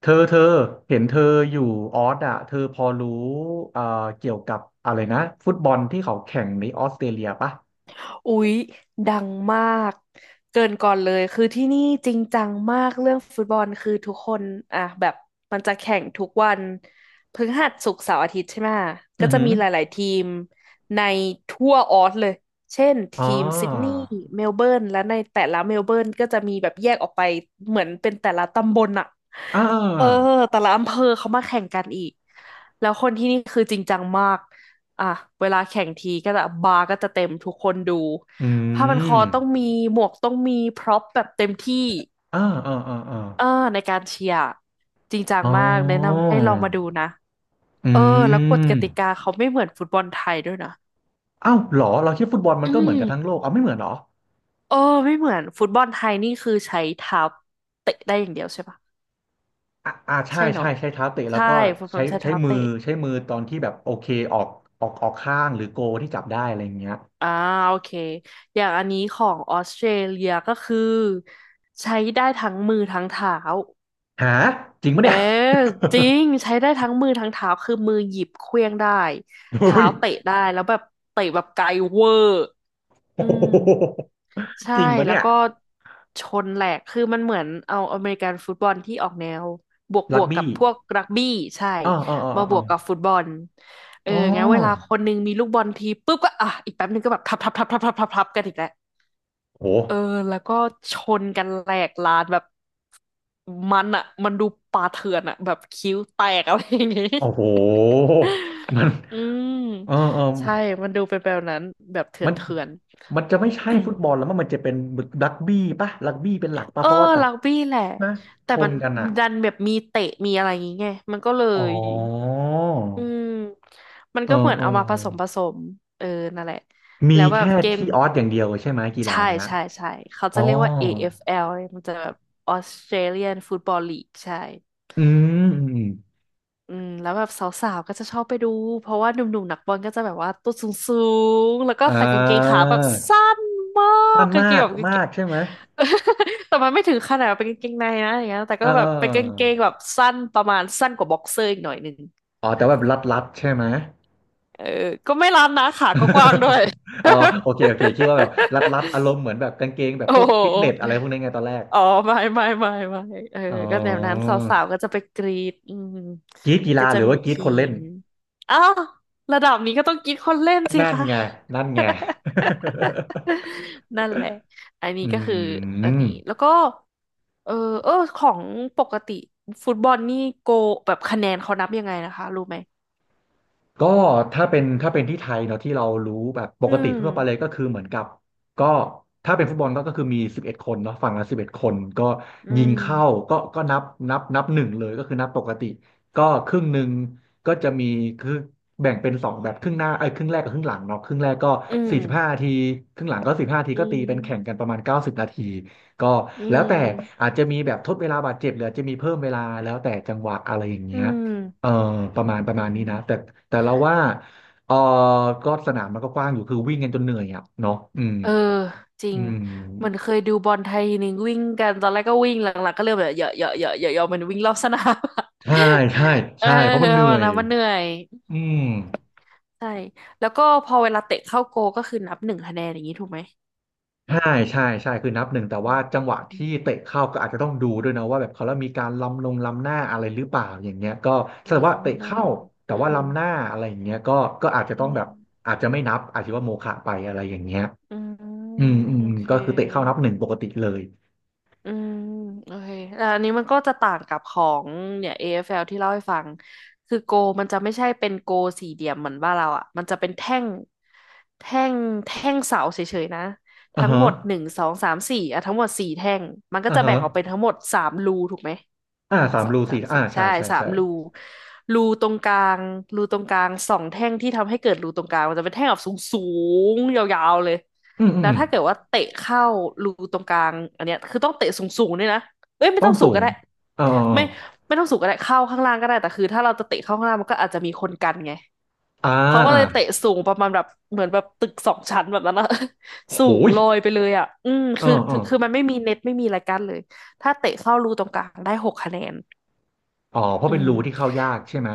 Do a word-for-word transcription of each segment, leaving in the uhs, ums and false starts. เธอเธอเห็นเธออยู่ออสอ่ะเธอพอรู้เอ่อเกี่ยวกับอะไรนะฟุตบอลที่เขาแข่งในออสเตรเลียปะอุ๊ยดังมากเกินก่อนเลยคือที่นี่จริงจังมากเรื่องฟุตบอลคือทุกคนอ่ะแบบมันจะแข่งทุกวันพฤหัสศุกร์เสาร์อาทิตย์ใช่ไหมก็อือจะหือมีหลายๆทีมในทั่วออสเลยเช่นอ๋อทีมซิดนีย์เมลเบิร์นและในแต่ละเมลเบิร์นก็จะมีแบบแยกออกไปเหมือนเป็นแต่ละตำบลอะ อ่เออาแต่ละอำเภอเขามาแข่งกันอีกแล้วคนที่นี่คือจริงจังมากอ่ะเวลาแข่งทีก็จะบาร์ก็จะเต็มทุกคนดูอืผ้าพันคอมต้องมีหมวกต้องมีพร็อพแบบเต็มที่อ่าอ่าอ่าอาเออในการเชียร์จริงจังอ๋อมากแนะนำให้ลองมาดูนะอืเออแล้วกฎมกติกาเขาไม่เหมือนฟุตบอลไทยด้วยนะอ้าวเหรอเราคิดฟุตบอลมันอืก็เหมือนกับทั้งมโลกเอาไม่เหมือนเหรอเออไม่เหมือนฟุตบอลไทยนี่คือใช้เท้าเตะได้อย่างเดียวใช่ปะอ่าอ่าใช่ใช่ใช่เนาะใช้เท้าเตะแล้วใช่ก็ฟุตบอใช้ลใช้ใช้เท้ามือเตะ ใช้มือตอนที่แบบโอเคออกออกออกข้างหรือโกที่จับได้อะไรอย่างเงี้ยอ่าโอเคอย่างอันนี้ของออสเตรเลียก็คือใช้ได้ทั้งมือทั้งเท้าหาจริงปะเออเนี่ย จริงใช้ได้ทั้งมือทั้งเท้าคือมือหยิบเขว้างได้ โอ้เท้าย เตะได้แล้วแบบเตะแบบไกลเวอร์ โอ้อืโมหใช่จริงปะแล้วเนี่ยก็ชนแหลกคือมันเหมือนเอาอเมริกันฟุตบอลที่ออกแนวบวกบรักวกกับี้บพวกรักบี้ใช่อ๋ออ๋ออ๋อมาบอ๋อวกกับฟุตบอลเอออ๋งั้นเวลาอคนหนึงมีลูกบอลทีปุ๊บก็อ่ะอีกแป๊บหนึงก็แบบทับทับทับทับทับทับทับกันอีกแล้ว โอ้โหเออแล้วก็ชนกันแหลกลานแบบมันอะมันดูป่าเถื่อนอะแบบคิ้วแตกอะไรอย่างงี้ โอ้โห มันอืมเออเออใช่มันดูเป็นแบบนั้นแบบเถื่อมันนเถื่อน มันจะไม่ใช่ฟุ ตบอลแล้วมั้งมันจะเป็นรักบี้ปะรักบี้เป็นหลัก ปะเออเพราะว่าจับรักบี้แหละนะชแต่มันนกันอ่ะดันแบบมีเตะมีอะไรอย่างงี้ไงมันก็เลอ๋อยอืมมันเออก็เหมือนเออเอามาผสมผสมเออนั่นแหละแล้มีวแบบแค่เกม ที่ออสอย่างเดียวใช่ไหมกีฬาใช่เนี้ยใช่ใช่เขาอ๋จะอเรียกว่า เอ เอฟ แอล เอฟแอลเลยมันจะแบบ ออสเตรเลียน ฟุตบอล ลีก ใช่อืมอมอมอืมแล้วแบบสาวๆ ก็จะชอบไปดูเพราะว่าหนุ่มๆนักบอลก็จะแบบว่าตัวสูงๆ แล้วก็่ใส่กางเกงาขาแบบสั้นมากมันกางเกมางกแบบกางเกมาง กใช่ไหม แต่มันไม่ถึงขนาดเป็นกางเกงในนะอย่างเงี้ยแต่เอก็แบบเป็นกางเกงอ แบบสั้นประมาณสั้นกว่าบ็อกเซอร์อีกหน่อยหนึ่งอ๋อแต่ว่าแบบรัดๆใช่ไหม เออก็ไม่ล้ำนะขากกว้างๆด้วย อ๋อโอเคโอเคคิดว่าแบบรัดๆอาร มณ์เหมือนแบบกางเกงแบบโอ้พวกโหฟิตเนสอะไรพวกนี้ไงตอนแรก อ๋อไม่ไม่ไม่ไม่เอออ๋ก็แนวนั้นอสาวๆก็จะไปกรีดอืมกรีดกีก็ฬาหจะรือมีว่ากรีดทีคนเล่นมอ้าวระดับนี้ก็ต้องกรีดคนเล่นสินั่นคะ ไงนั่นไง นั่นแหละอันนี้อืก็คืออันนี้ม แล้วก็เออเออของปกติฟุตบอลนี่โกแบบคะแนนเขานับยังไงนะคะรู้ไหมก็ถ้าเป็นถ้าเป็นที่ไทยเนาะที่เรารู้แบบปอืกติมทั่วไปเลยก็คือเหมือนกับก็ถ้าเป็นฟุตบอลก็ก็คือมีสิบเอ็ดคนเนาะฝั่งละสิบเอ็ดคนก็อืยิงมเข้าก็ก็นับนับนับหนึ่งเลยก็คือนับปกติก็ครึ่งหนึ่งก็จะมีคือแบ่งเป็นสองแบบครึ่งหน้าไอ้ยครึ่งแรกกับครึ่งหลังเนาะครึ่งแรกก็อืมสี่สิบห้านาทีครึ่งหลังก็สิบห้านาทีอืก็ตีเป็นแข่งมกันประมาณเก้าสิบนาทีก็อืแล้วแต่มอาจจะมีแบบทดเวลาบาดเจ็บหรืออาจจะมีเพิ่มเวลาแล้วแต่จังหวะอะไรอย่างอืเงี้ย เออมประมาณประอืมาณนี้นะแต่ม แต่เราว่าเออก็สนามมันก็กว้างอยู่คือวิ่งกันจนเหนื่อยอ่ะเนาะอืมเออจริอืงมมันเคยดูบอลไทยทีนึงวิ่งกันตอนแรกก็วิ่ง หลังๆก็เริ่มแบบเหยอะเหยอะเหยอะเหยอะเหยอะมันวิ่งรอบสนาม ใช่ใช่ เออ ใช่เพราะมันเห นื่วัอนยนั้นมันเหนื่อยอืมใช่แล้วก็พอเวลาเตะเข้าโกก็คือนับหนึ่งคะแนนอย่างนี้ถูกไหมใช่ใช่ใช่คือนับหนึ่งแต่ว่าจังหวะอืที่มเตะเข้าก็อาจจะต้องดูด้วยนะว่าแบบเขาแล้วมีการล้ำลงล้ำหน้าอะไรหรือเปล่าอย่างเงี้ยก็ถ้าว่าเตะล้ำหน้าเข้าแต่อืว่ามล้ำหน้าอะไรอย่างเงี้ยก็ก็อาจจะอืต้องแบมบอาจจะไม่นับอาจจะว่าโมฆะไปอะไรอย่างเงี้ยอืมอืมอืมโออืมเค ก็คือเตะเข้านับหนึ่งปกติเลยอืมโอเคแต่อันนี้มันก็จะต่างกับของเนี่ย เอ เอฟ แอล ที่เล่าให้ฟังคือโกมันจะไม่ใช่เป็นโกสี่เหลี่ยมเหมือนบ้านเราอ่ะมันจะเป็นแท่งแท่งแท่งเสาเฉยๆนะอ่าทั้งฮะหมดหนึ่งสองสามสี่อ่ะทั้งหมดสี่แท่งมันก็อ่าจะฮะ แบ่งออกเป็นทั้งหมดสามรูถูกไหม อ่าหนึ่งสามสองรูสาสี่มอ่าสี่ใช่ใช่ใช่สามใช่รูรูตรงกลางรูตรงกลางสองแท่งที่ทำให้เกิดรูตรงกลางมันจะเป็นแท่งแบบสูงสูงยาวๆเลยอืมอืมแล้วอืมถ้าเกิดว่าเตะเข้ารูตรงกลางอันเนี้ยคือต้องเตะสูงสูงด้วยนะเอ้ยไม่ต้อต้งองสูสูงก็งได้เออเออเออไม่ไม่ต้องสูงก็ได้เข้าข้างล่างก็ได้แต่คือถ้าเราจะเตะเข้าข้างล่างมันก็อาจจะมีคนกันไงอ่าเขาก็เลอ่ายเตะสูงประมาณแบบเหมือนแบบตึกสองชั้นแบบนั้นอะ โหสูงยลอยไปเลยอ่ะอืมเออคือเอคืออคือมันไม่มีเน็ตไม่มีอะไรกั้นเลยถ้าเตะเข้ารูตรงกลางได้หกคะแนน อ๋อเพราะอืเป็นมรูที่เข้ายากใช่ไหม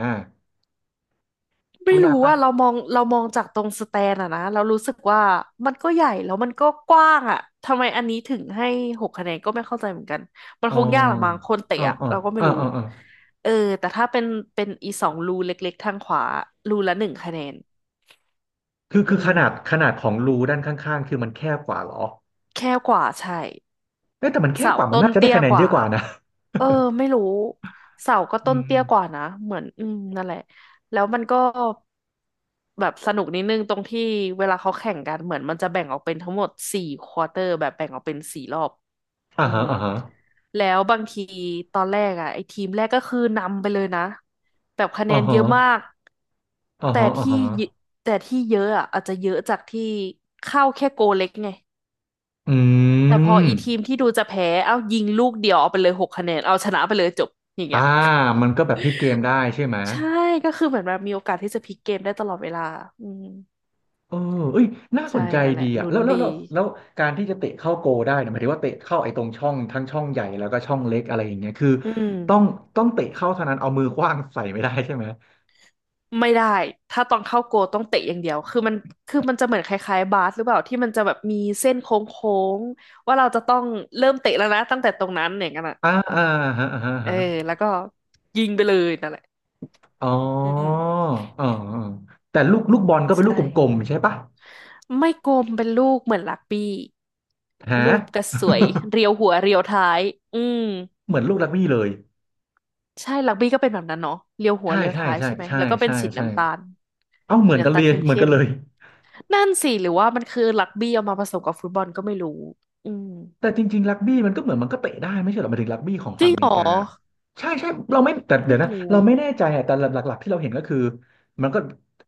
ไม่เข้ายารู้กปะว่าเรามองเรามองจากตรงสแตนอะนะเรารู้สึกว่ามันก็ใหญ่แล้วมันก็กว้างอะทำไมอันนี้ถึงให้หกคะแนนก็ไม่เข้าใจเหมือนกันมันอ๋คองยากละมั้งคนเตะอ๋ออะอ๋อเราก็ไม่อ๋อรู้อ๋ออ๋อเออแต่ถ้าเป็นเป็นอีสองรูเล็กๆทางขวารูละหนึ่งคะแนนคืออืคือขมนาดขนาดของรูด้านข้างๆคือมันแคบกว่าเหรอแค่กว่าใช่ เอ๊ะแต่มันแคบเสากว่ามันต้นน่าจะได้เตี้ยคะแนนกเยว่าอะกว่านะ เออไม่รู้เสาก็ อืต้นเตี้ยมกว่านะเหมือนอืมนั่นแหละแล้วมันก็แบบสนุกนิดนึงตรงที่เวลาเขาแข่งกันเหมือนมันจะแบ่งออกเป็นทั้งหมดสี่ควอเตอร์แบบแบ่งออกเป็นสี่รอบอ่าอืฮะมอ่าฮะแล้วบางทีตอนแรกอ่ะไอ้ทีมแรกก็คือนำไปเลยนะแบบคะแนอ่านเยฮะอะมากอ่าแต่ฮะอ่าที่ฮะเยแต่ที่เยอะอ่ะอาจจะเยอะจากที่เข้าแค่โกเล็กไง อืแต่พอมอีทีมที่ดูจะแพ้ เอ้ายิงลูกเดียวเอาไปเลยหกคะแนนเอาชนะไปเลยจบอย่างอ่าเงี้ย มันก็แบบพลิกเกมได้ใช่ไหม ใช่ก็คือเหมือนแบบมีโอกาสที่จะพลิกเกมได้ตลอดเวลาอืมเออเอ้ยน่าสใช่นใจนั่นแหดีละอ่ะลุ้นแล้วแล้วดีแล้วแล้วการที่จะเตะเข้าโกลได้เนี่ยหมายถึงว่าเตะเข้าไอ้ตรงช่องทั้งช่องใหญ่แล้วก็ช่องเล็กอะไรอย่างเงี้ยคืออืต้องมต้องเตะเข้าเท่านั้นเอามือขว้างใส่ไม่ได้ใช่ไหมไม่ได้ถ้าตอนเข้าโกลต้องเตะอย่างเดียวคือมันคือมันจะเหมือนคล้ายๆบาสหรือเปล่าที่มันจะแบบมีเส้นโค้งๆว่าเราจะต้องเริ่มเตะแล้วนะตั้งแต่ตรงนั้นอย่างนั้นอ่ะอ่าอ่าฮะอ่าฮะเออฮะแล้วก็ยิงไปเลยนั่นแหละอ๋ออืมอ๋ออ๋อแต่ลูกลูกบอลก็เป็นลูใช่ กกลมๆใช่ปะไม่กลมเป็นลูกเหมือนลักบี้ฮะ รูปกระสวยเรียวหัวเรียวท้ายอืม เหมือนลูกรักบี้เลยใช่ลักบี้ก็เป็นแบบนั้นเนาะเรียวหัวใช่เรียวใช่ท้ายใช่ใช่ไหมใช่แล้วก็เป็นใช่สีใช่น้ำตาลเอ้าเหหรืมืออนกันน้ำเลตาลยเหมือนเข้กันมเลย ๆนั่นสิหรือว่ามันคือลักบี้เอามาผสมกับฟุตบอลก็ไม่รู้อืมแต่จริงๆรักบี้มันก็เหมือนมันก็เตะได้ไม่ใช่เหรอหมายถึงรักบี้ของจริฝั่งงอเมเหรริอกาใช่ใช่เราไม่แต่เดี๋ไม่ยวนะรู้เราไม่แน่ใจอะแต่หลักๆที่เราเห็นก็คือมันก็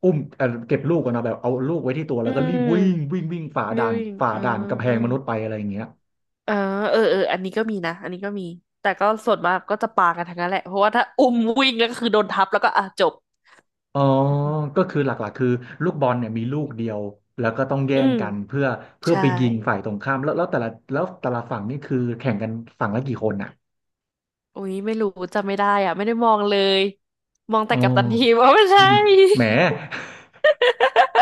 อุ้มเอ่อเก็บลูกกันนาะแบบเอาลูกไว้ที่ตัวแล้อืวก็รีบม วิ่งวิ่งวิ่งฝ่าด่าน living ฝ่าอ่ด่านกำแพงมานุษย์ไปอะไรอย่างเงี้ยอ่าเออเออเอออันนี้ก็มีนะอันนี้ก็มีแต่ก็ส่วนมากก็จะปากันทั้งนั้นแหละเพราะว่าถ้าอุ้มวิ่งแล้วก็คือโดนทับแล้วก็อ่ะจบอ๋อก็คือหลักๆคือลูกบอลเนี่ยมีลูกเดียวแล้วก็ต้องแย่อืงม กันเพื่อเพื่อใช่ ไปยิงฝ่ายตรงข้ามแล้วแล้วแต่ละแล้วแต่ละฝั่งนี่คือแข่งกันฝั่งละกี่คนอ่ะอุ๊ยไม่รู้จำไม่ได้อ่ะไม่ได้มองเลย มองอ๋แต่อกัปตันทีมอ๋อไม่อืใช่ มแหม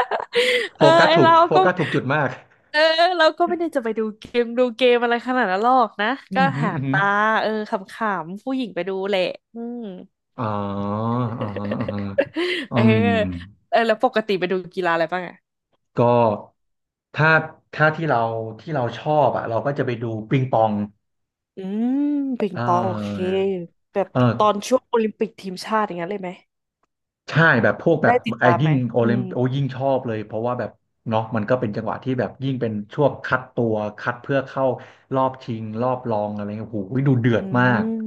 โฟเออกัสไอถูกเราโฟก็กัสถูกจุดมาก เออเราก็ไม่ได้จะไปดูเกมดูเกมอะไรขนาดนั้นหรอกนะ อืก็มฮึหาอืมรฮึตาเออขำๆ ผู้หญิงไปดูแหละอืม อ๋ออ๋อ อ๋อเอออืมเออแล้วปกติไปดูกีฬาอะไรบ้างอ่ะก็ถ้าถ้าที่เราที่เราชอบอ่ะเราก็จะไปดูปิงปองอืมปิงเปองโอเคออแบบเออตอนช่วงโอลิมปิกทีมชาติอย่างนั้นเลยไหมใช่แบบพวกแบได้บติดไอ้ตามไหยิ่มงโออืลิมมโอยิ่งชอบเลยเพราะว่าแบบเนาะมันก็เป็นจังหวะที่แบบยิ่งเป็นช่วงคัดตัวคัดเพื่อเข้ารอบชิงรอบรองอะไรเงี้ยโอ้โหดูเดือดมาอืกม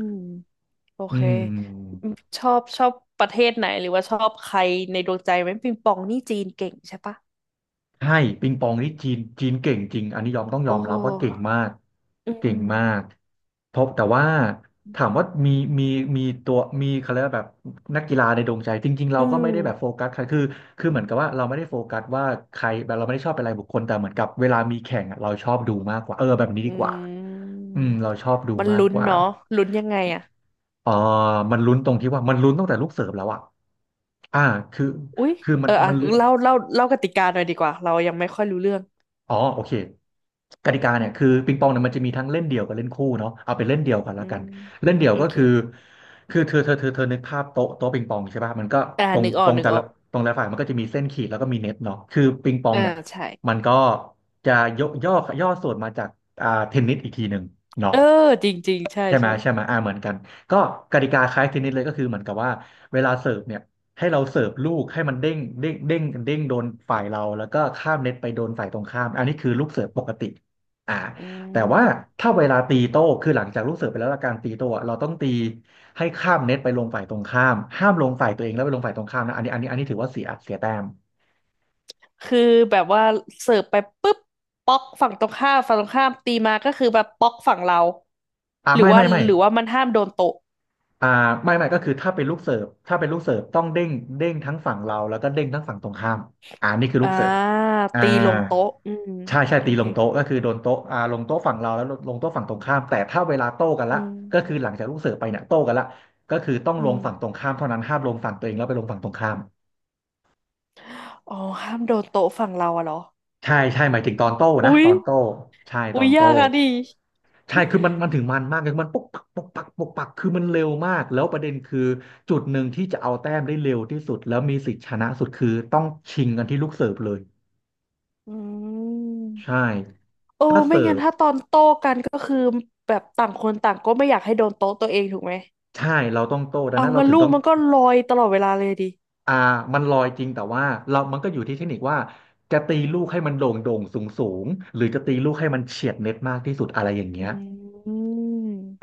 โออืเคม อืมชอบชอบประเทศไหนหรือว่าชอบใครในดวงใจไหมปิงปองนี่จีนเก่งใช่ปะใช่ปิงปองนี่จีนจีนเก่งจริงอันนี้ยอมต้องโอยอมรับว่าเก่ง้มากอืเก่งมมากเพบแต่ว่าถามว่ามีมีมีตัวมีเขาเรียกว่าแบบนักกีฬาในดวงใจจริงๆเราอืก็ไม่มได้แบบโฟกัสใครคือคือเหมือนกับว่าเราไม่ได้โฟกัสว่าใครแบบเราไม่ได้ชอบเป็นรายบุคคลแต่เหมือนกับเวลามีแข่งอะเราชอบดูมากกว่าเออแบบนี้อืดีกว่าอืมมเราชอบดูมันมากลุ้นกว่าเนาะลุ้นยังไงอะเออมันลุ้นตรงที่ว่ามันลุ้นตั้งแต่ลูกเสิร์ฟแล้วอะอ่าคืออุ๊ยคือมัเอนออ่ะมันลุ้น เล่าเล่าเล่ากติกาหน่อยดีกว่าเรายังไม่ค่อยรู้เรื่องอ๋อโอเคกติกาเนี่ยคือปิงปองเนี่ยมันจะมีทั้งเล่นเดี่ยวกับเล่นคู่เนาะเอาเป็นเล่นเดี่ยวก่อนอืละกัมนเล่นเดี่ยวโอก็เคคือคือเธอเธอเธอเธอนึกภาพโต๊ะโต๊ะปิงปองใช่ป่ะมันก็อ่าตรงนึกอตอรกงนึกแต่อละอกตรงแต่ละฝ่ายมันก็จะมีเส้นขีดแล้วก็มีเน็ตเนาะคือปิงปองอ่าเนี่ยใช่มันก็จะยกย่อย่อส่วนมาจากอ่าเทนนิสอีกทีหนึ่งเนาะเออจริงจริงใช่ใช่ไหมใช่ใช่ไหมอ่าเหมือนกันก็กติกาคล้ายเทนนิสเลยก็คือเหมือนกับว่าเวลาเสิร์ฟเนี่ย ให้เราเสิร์ฟลูกให้มันเด้งเด้งเด้งเด้งโดนฝ่ายเราแล้วก็ข้ามเน็ตไปโดนฝ่ายตรงข้ามอันนี้คือลูกเสิร์ฟปกติอ่าอืแต่ว่าม ถ้าเวลาตีโต้คือหลังจากลูกเสิร์ฟไปแล้วและการตีโต้อะเราต้องตีให้ข้ามเน็ตไปลงฝ่ายตรงข้ามห้ามลงฝ่ายตัวเองแล้วไปลงฝ่ายตรงข้ามนะอันนี้อันนี้อันนี้ถือว่าเสียเสียแต้มคือแบบว่าเสิร์ฟไปปุ๊บป๊อกฝั่งตรงข้ามฝั่งตรงข้ามตีมาก็คือแบบป๊อกฝั่งเราอ่าหรือไม่ว่าไม่ไม่ หรือว่ามันห้ามโดนโต๊ะอ่าไม่ไม่ก็คือถ้าเป็นลูกเสิร์ฟถ้าเป็นลูกเสิร์ฟต้องเด้งเด้งทั้งฝั่งเราแล้วก็เด้งทั้งฝั่งตรงข้ามอ่านี่คือลูอ่ากเสิร์ฟอ่าตีลงโต๊ะอืมใช่ใช่โอตีลเคงโต๊ะก็คือโดนโต๊ะอ่าลงโต๊ะฝั่งเราแล้วลงโต๊ะฝั่งตรงข้ามแต่ถ้าเวลาโต้กันอืละมก็คือหลังจากลูกเสิร์ฟไปเนี่ยโต้กันละก็คือต้องอืลงฝั่งตรงมข้ามเท่านั้นห้ามลงฝั่งตัวเองแล้วไปลงฝั่งตรงข้าม อ๋อห้ามโดนโต๊ะฝั่งเราอะเหรอใช่ใช่หมายถึงตอนโต้นะอุ๊ยตอนโต้ใช่ตอุ๊อยนโต้ยากอะดิใช่คือมันมันถึงมันมากเลยมันปกปักปกปักปกปักคือมันเร็วมากแล้วประเด็นคือจุดหนึ่งที่จะเอาแต้มได้เร็วที่สุดแล้วมีสิทธิ์ชนะสุดคือต้องชิงกันที่ลูกเสิร์ฟเลยอืใช่มโอ้ถ้าไม่เสิร์งั้นฟถ้าตอนโต้กันก็คือแบบต่างคนต่างก็ไม่อยากให้โดนโต๊ะตัวเองถูกไหมใช่เราต้องโต้ดังเอานั้นเรางั้นถึงลูต้กองมันก็ลอยตลอดเวลาเลยดิอ่ามันลอยจริงแต่ว่าเรามันก็อยู่ที่เทคนิคว่าจะตีลูกให้มันโด่งโด่งสูงสูงหรือจะตีลูกให้มันเฉียดเน็ตมากที่สุดอะไรอย่างเงี้อืย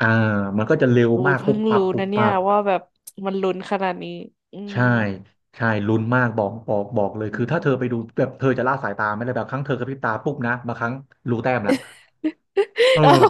อ่ามันก็จะเร็วโอ้ยมากเพิ่ปุ๊บงปั๊บรู้ปุ๊บนะเนี่ยปั๊บ ว่าแบบมันลุ้นขนาดนี้ อืม ใช่ใช่ลุ้นมากบอกบอกบอกเลยอืคือถ้าม เธอไปดูแบบเธอจะละสายตาไม่ได้แบบครั้งเธอกระพริบตาปุ๊บนะบางครั้งรู้แต้มละ เอเอ้าอ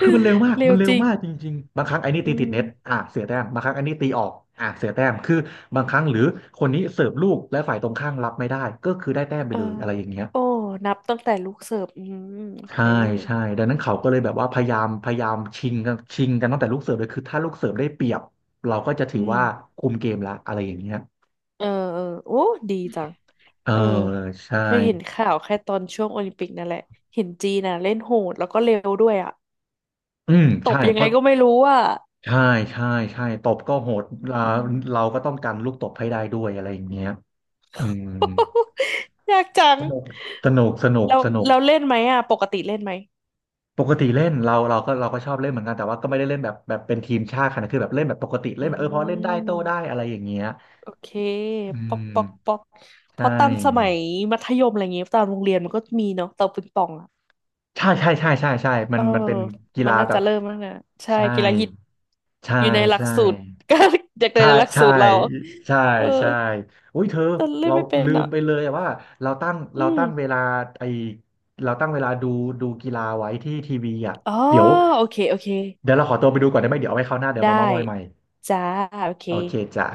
คือมันเร็วมากเร็มัวนเร็จวริง มากจริงๆบางครั้งไอ้นี่อืตีติดเน็ตม อ่ะเสียแต้มบางครั้งไอ้นี่ตีออกอ่ะเสียแต้มคือบางครั้งหรือคนนี้เสิร์ฟลูกและฝ่ายตรงข้ามรับไม่ได้ก็คือได้แต้มไปเออเลยอะไรอย่างเงี้ยโอ้นับตั้งแต่ลูกเสิร์ฟอืมโอเค ใช่ใช่ดังนั้นเขาก็เลยแบบว่าพยายามพยายามชิงกันชิงกันตั้งแต่ลูกเสิร์ฟเลยคือถ้าลูกเสิร์ฟได้เปรียบเราก็จะถือือม ว่าคุมเกมละอะไรอย่างเงี้ยเออเออ โอ้ดีจัง เออเออ ใช่ เคยเห็นข่าวแค่ตอนช่วงโอลิมปิกนั่นแหละ เห็นจีนน่ะเล่นโหดแล้วก็เร็วด้วยอ่ะ อืมตใช่บยังเพไงราะก็ไม่รู้อ่ะใช่ใช่ใช่ตบก็โหดเราอืม เราก็ต้องกันลูกตบให้ได้ด้วยอะไรอย่างเงี้ยอืม ยากจังสนุกสนุกสนุกแล้วสนุกแล้วเล่นไหมอ่ะปกติเล่นไหมปกติเล่นเราเราก็เราก็ชอบเล่นเหมือนกันแต่ว่าก็ไม่ได้เล่นแบบแบบเป็นทีมชาติขนาดคือแบบเล่นแบบปกติอืเล่นแบบเออพอเล่นได้โต้ได้ม อะไรอย่างเงี้ยโอเคอืป๊อกป๊อกป๊มอกใชเพราะตอนสมั่ยมัธยมอะไรเงี้ยตอนโรงเรียนมันก็มีเนาะเตาปิงปองอ่ะใช่ใช่ใช่ใช่ใช่มัเอนอมันเป็นกีมัฬานน่าแบจะบเริ่มแล้วนะใช่ใช่กีฬาฮิตใช่อยู่ในหลักใช่ สูตร ก็เด็กในใช่หลักใช่สูตรเรา ใช่เออใช่อุ้ยเธอแต่เล่นเราไม่เป็นลืมอ่ะไปเลยว่าเราตั้งอืเราตั้งเวมลาไอเราตั้งเวลาดูดูกีฬาไว้ที่ทีวีอ่ะอ๋อเดี๋ยวโอเค โอเค เดี๋ยวเราขอตัวไปดูก่อนได้ไหมเดี๋ยวเอาไว้คราวหน้าเดี๋ยวมาเม้าได้ท์มอยใหม่จ้าโอเคโอเคจ้ะ